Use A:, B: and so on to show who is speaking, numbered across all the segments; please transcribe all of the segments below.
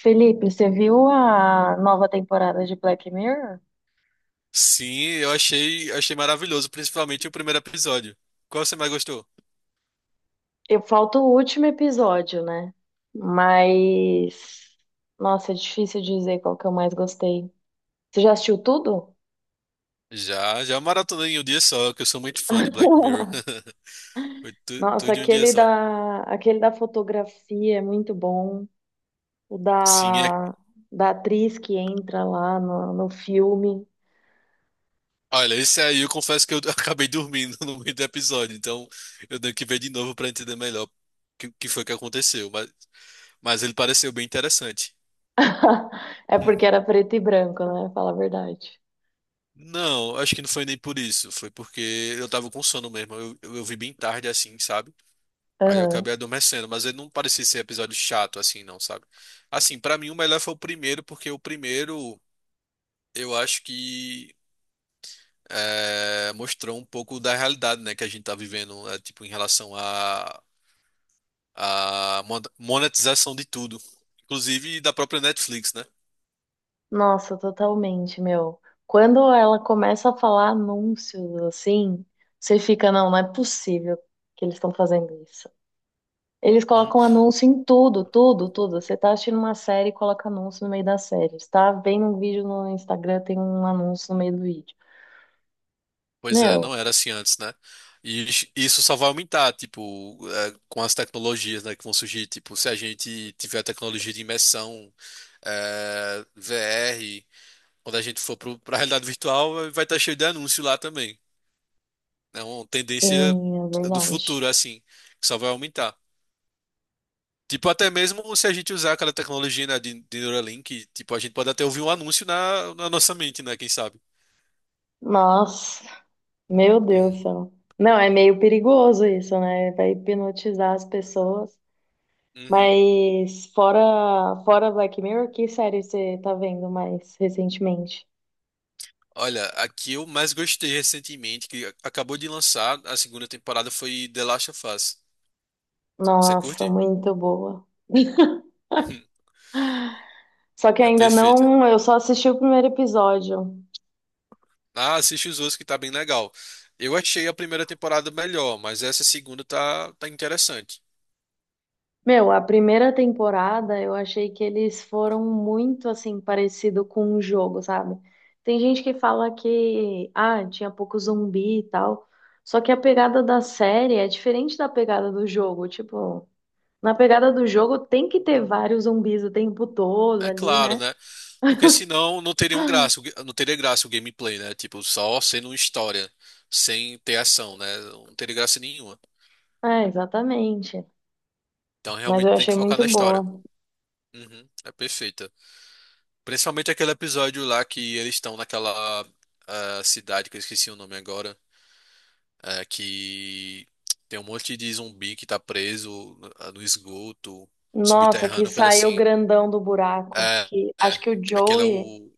A: Felipe, você viu a nova temporada de Black Mirror?
B: Sim, eu achei maravilhoso, principalmente o primeiro episódio. Qual você mais gostou?
A: Eu falta o último episódio, né? Mas, nossa, é difícil dizer qual que eu mais gostei. Você já assistiu tudo?
B: Já maratonei em um dia só, que eu sou muito fã de Black Mirror. Foi
A: Nossa,
B: tudo em um dia só.
A: aquele da fotografia é muito bom. O
B: Sim, é...
A: da, da atriz que entra lá no filme.
B: olha, esse aí eu confesso que eu acabei dormindo no meio do episódio, então eu tenho que ver de novo para entender melhor o que foi que aconteceu, mas ele pareceu bem interessante.
A: É
B: Hum.
A: porque era preto e branco, né? Fala a verdade.
B: Não, acho que não foi nem por isso, foi porque eu tava com sono mesmo, eu vi bem tarde assim, sabe? Aí eu acabei adormecendo, mas ele não parecia ser episódio chato assim, não, sabe? Assim, pra mim o melhor foi o primeiro, porque o primeiro eu acho que é, mostrou um pouco da realidade, né, que a gente tá vivendo, é, tipo, em relação à monetização de tudo, inclusive da própria Netflix, né?
A: Nossa, totalmente, meu. Quando ela começa a falar anúncios assim, você fica, não, não é possível que eles estão fazendo isso. Eles
B: Uhum.
A: colocam anúncio em tudo, tudo, tudo. Você tá assistindo uma série, e coloca anúncio no meio da série. Você tá vendo um vídeo no Instagram, tem um anúncio no meio do vídeo.
B: Pois é,
A: Meu,
B: não era assim antes, né? E isso só vai aumentar, tipo, é, com as tecnologias, né, que vão surgir. Tipo, se a gente tiver tecnologia de imersão, é, VR. Quando a gente for para a realidade virtual, vai estar cheio de anúncio lá também. É uma tendência
A: tem, é
B: do
A: verdade.
B: futuro, assim, que só vai aumentar. Tipo, até mesmo se a gente usar aquela tecnologia, né, de Neuralink, tipo, a gente pode até ouvir um anúncio na nossa mente, né? Quem sabe?
A: Nossa, meu Deus do
B: Uhum.
A: céu. Não, é meio perigoso isso, né? Vai hipnotizar as pessoas.
B: Uhum.
A: Mas fora Black Mirror, que série você tá vendo mais recentemente?
B: Olha, aqui eu mais gostei recentemente, que acabou de lançar a segunda temporada, foi The Last of Us. Você
A: Nossa,
B: curte?
A: muito boa.
B: Uhum.
A: Só que
B: É
A: ainda
B: perfeita.
A: não, eu só assisti o primeiro episódio.
B: Ah, assiste os outros que tá bem legal. Eu achei a primeira temporada melhor, mas essa segunda tá interessante.
A: Meu, a primeira temporada eu achei que eles foram muito assim parecido com um jogo, sabe? Tem gente que fala que ah, tinha pouco zumbi e tal. Só que a pegada da série é diferente da pegada do jogo, tipo, na pegada do jogo tem que ter vários zumbis o tempo todo
B: É
A: ali,
B: claro,
A: né?
B: né? Porque senão não teria um graça, o não teria graça o gameplay, né? Tipo, só sendo uma história, sem ter ação, né? Não teria graça nenhuma.
A: É, exatamente.
B: Então
A: Mas
B: realmente
A: eu
B: tem que
A: achei
B: focar
A: muito
B: na
A: boa.
B: história. Uhum, é perfeita. Principalmente aquele episódio lá que eles estão naquela ah, cidade que eu esqueci o nome agora, é, que tem um monte de zumbi que tá preso no esgoto, no
A: Nossa, que
B: subterrâneo, coisa
A: saiu
B: assim.
A: grandão do buraco.
B: É,
A: Que acho
B: é.
A: que o
B: Aquele é
A: Joey,
B: o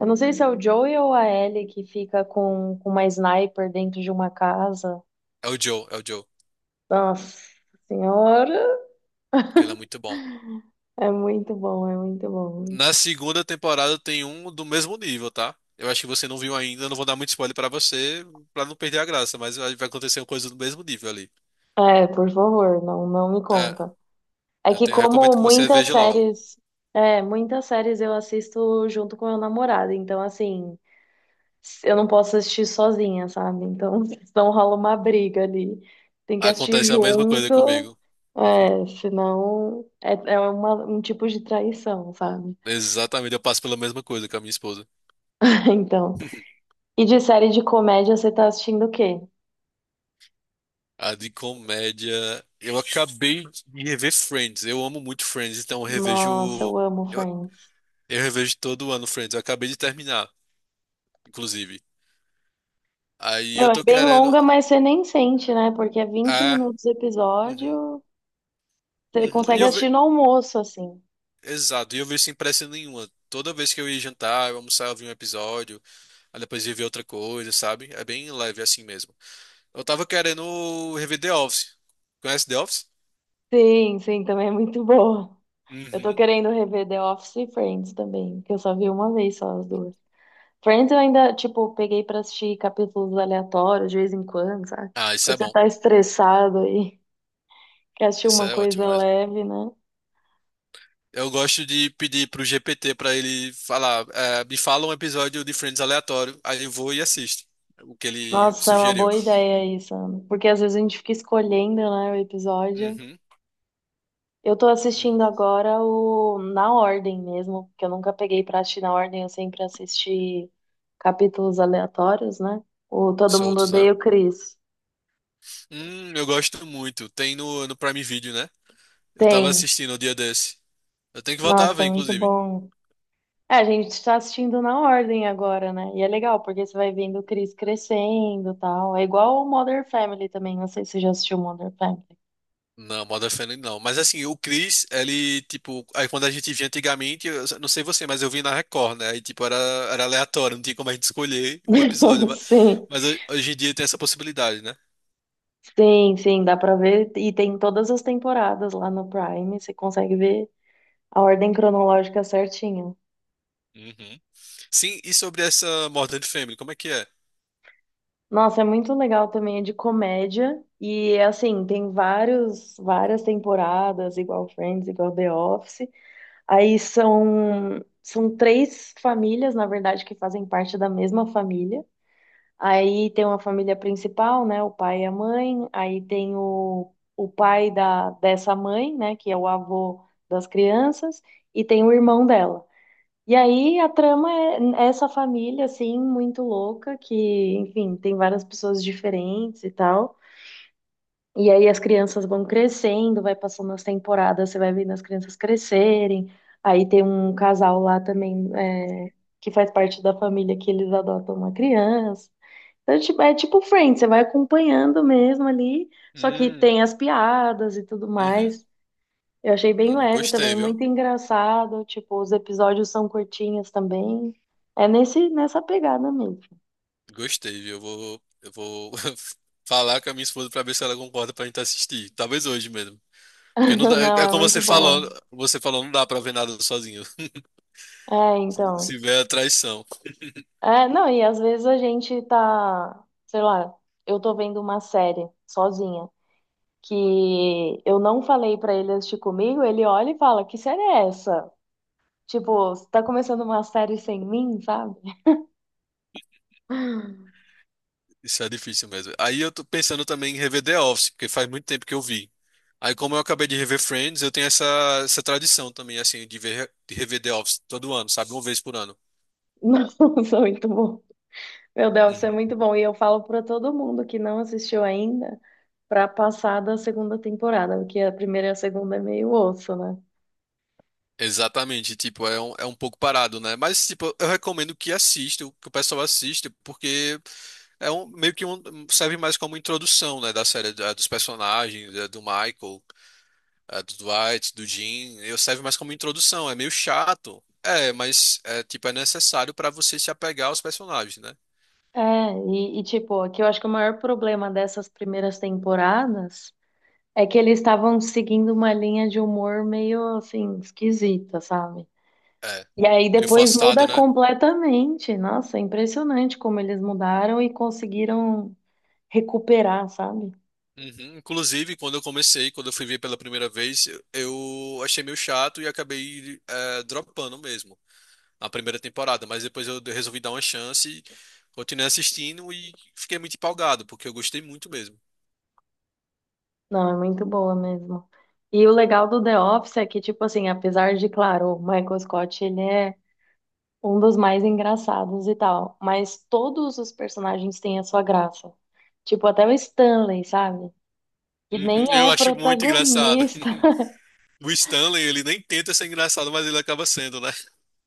A: eu não sei se é o Joey ou a Ellie que fica com uma sniper dentro de uma casa.
B: É o Joe, é o Joe.
A: Nossa senhora,
B: Aquele é muito bom.
A: é muito bom, é muito bom.
B: Na segunda temporada tem um do mesmo nível, tá? Eu acho que você não viu ainda, eu não vou dar muito spoiler pra você, pra não perder a graça, mas vai acontecer uma coisa do mesmo nível ali.
A: É, por favor, não, não me
B: É,
A: conta. É que como
B: recomendo que você
A: muitas
B: veja logo.
A: séries, é, muitas séries eu assisto junto com meu namorado, então assim, eu não posso assistir sozinha, sabe? Então, senão rola uma briga ali. Tem que assistir
B: Acontece a mesma coisa
A: junto,
B: comigo.
A: é, senão é, é uma- um tipo de traição, sabe?
B: Exatamente, eu passo pela mesma coisa com a minha esposa.
A: Então. E de série de comédia, você tá assistindo o quê?
B: A de comédia. Eu acabei de rever Friends. Eu amo muito Friends, então eu revejo.
A: Nossa, eu amo
B: Eu,
A: Friends.
B: eu revejo todo ano Friends. Eu acabei de terminar, inclusive. Aí
A: Meu,
B: eu
A: é
B: tô
A: bem
B: querendo.
A: longa, mas você nem sente, né? Porque é vinte
B: Ah,
A: minutos o
B: uhum,
A: episódio, você
B: uhum.
A: consegue assistir no almoço, assim.
B: Exato, e eu vi sem pressa nenhuma. Toda vez que eu ia jantar, eu almoçava, eu via um episódio, aí depois ia ver outra coisa, sabe? É bem leve é assim mesmo. Eu tava querendo rever The Office. Conhece The Office?
A: Sim, sim, também é muito boa. Eu tô
B: Uhum.
A: querendo rever The Office e Friends também, que eu só vi uma vez só as duas. Friends eu ainda, tipo, peguei pra assistir capítulos aleatórios de vez em quando, sabe?
B: Ah, isso
A: Quando
B: é
A: você
B: bom.
A: tá estressado e quer assistir
B: Isso
A: uma
B: é
A: coisa
B: ótimo mesmo.
A: leve, né?
B: Eu gosto de pedir pro GPT pra ele falar, me fala um episódio de Friends aleatório, aí eu vou e assisto o que ele
A: Nossa, é uma
B: sugeriu.
A: boa ideia isso, Ana. Porque às vezes a gente fica escolhendo, né, o episódio.
B: Uhum,
A: Eu tô
B: uhum.
A: assistindo agora o na ordem mesmo, porque eu nunca peguei pra assistir na ordem, eu sempre assisti capítulos aleatórios, né? O Todo Mundo
B: Soltos, né?
A: Odeia o Chris.
B: Eu gosto muito. Tem no Prime Video, né? Eu tava
A: Tem.
B: assistindo o dia desse. Eu tenho que voltar a
A: Nossa,
B: ver,
A: é muito
B: inclusive.
A: bom. É, a gente está assistindo na ordem agora, né? E é legal, porque você vai vendo o Chris crescendo e tal. É igual o Modern Family também. Não sei se você já assistiu Modern Family.
B: Não, Modern Family não. Mas assim, o Chris, ele, tipo, aí quando a gente via antigamente, eu não sei você, mas eu vi na Record, né? Aí, tipo, era, era aleatório, não tinha como a gente escolher o episódio.
A: Sim,
B: Mas hoje em dia tem essa possibilidade, né?
A: sim, sim, dá pra ver. E tem todas as temporadas lá no Prime. Você consegue ver a ordem cronológica certinho.
B: Uhum. Sim, e sobre essa Modern Family, como é que é?
A: Nossa, é muito legal também, é de comédia. E assim, várias temporadas, igual Friends, igual The Office. Aí são três famílias, na verdade, que fazem parte da mesma família. Aí tem uma família principal, né? O pai e a mãe. Aí tem o pai da, dessa mãe, né? Que é o avô das crianças. E tem o irmão dela. E aí a trama é essa família, assim, muito louca, que, enfim, tem várias pessoas diferentes e tal. E aí as crianças vão crescendo, vai passando as temporadas, você vai vendo as crianças crescerem. Aí tem um casal lá também, é, que faz parte da família, que eles adotam uma criança. Então, é tipo Friends, você vai acompanhando mesmo ali, só que tem
B: Hum,
A: as piadas e tudo
B: uhum,
A: mais. Eu achei bem leve
B: gostei,
A: também,
B: viu?
A: muito engraçado. Tipo, os episódios são curtinhos também. É nessa pegada mesmo.
B: Gostei, viu? Eu vou falar com a minha esposa pra ver se ela concorda pra gente assistir. Talvez hoje mesmo. Porque não dá,
A: Não,
B: é
A: é
B: como você
A: muito
B: falou,
A: boa.
B: não dá pra ver nada sozinho.
A: É,
B: Se,
A: então.
B: se vier a traição.
A: É, não, e às vezes a gente tá, sei lá, eu tô vendo uma série sozinha que eu não falei pra ele assistir comigo, ele olha e fala, que série é essa? Tipo, você tá começando uma série sem mim, sabe?
B: Isso é difícil mesmo. Aí eu tô pensando também em rever The Office, porque faz muito tempo que eu vi. Aí, como eu acabei de rever Friends, eu tenho essa, essa tradição também, assim, de ver, de rever The Office todo ano, sabe? Uma vez por ano.
A: Nossa, muito bom. Meu Deus, isso é muito
B: Uhum.
A: bom. E eu falo pra todo mundo que não assistiu ainda pra passar da segunda temporada, porque a primeira e a segunda é meio osso, né?
B: Exatamente, tipo, é um pouco parado, né? Mas, tipo, eu recomendo que assista, que o pessoal assista, porque é um, meio que um, serve mais como introdução, né, da série, dos personagens, do Michael. A do Dwight, do Jim, eu serve mais como introdução, é meio chato. É, mas é tipo é necessário pra você se apegar aos personagens, né?
A: É, e tipo, aqui eu acho que o maior problema dessas primeiras temporadas. É que eles estavam seguindo uma linha de humor meio assim, esquisita, sabe?
B: É.
A: E aí
B: Meio
A: depois
B: forçado,
A: muda
B: né?
A: completamente. Nossa, é impressionante como eles mudaram e conseguiram recuperar, sabe?
B: Uhum. Inclusive, quando eu comecei, quando eu fui ver pela primeira vez, eu achei meio chato e acabei dropando mesmo na primeira temporada, mas depois eu resolvi dar uma chance, continuei assistindo e fiquei muito empolgado, porque eu gostei muito mesmo.
A: Não, é muito boa mesmo. E o legal do The Office é que, tipo assim, apesar de, claro, o Michael Scott, ele é um dos mais engraçados e tal, mas todos os personagens têm a sua graça. Tipo, até o Stanley, sabe? Que
B: Uhum,
A: nem
B: eu
A: é
B: acho muito engraçado.
A: protagonista.
B: O Stanley, ele nem tenta ser engraçado, mas ele acaba sendo, né?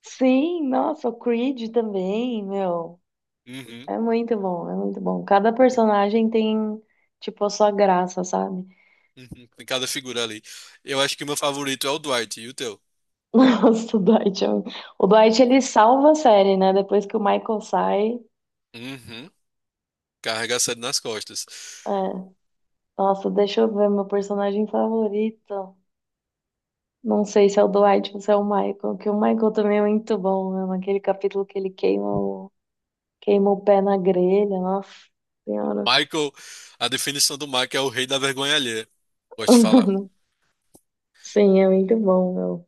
A: Sim, nossa, o Creed também, meu.
B: Uhum.
A: É muito bom, é muito bom. Cada personagem tem, tipo, a sua graça, sabe?
B: Uhum, em cada figura ali. Eu acho que o meu favorito é o Dwight e o teu.
A: Nossa, o Dwight, é um- o Dwight, ele salva a série, né? Depois que o Michael sai.
B: Uhum. Carrega a série nas costas.
A: É. Nossa, deixa eu ver, meu personagem favorito. Não sei se é o Dwight ou se é o Michael, que o Michael também é muito bom, né? Naquele capítulo que ele queima o pé na grelha, nossa senhora.
B: Michael, a definição do Michael é o rei da vergonha alheia. Gosto de falar.
A: Sim, é muito bom, meu.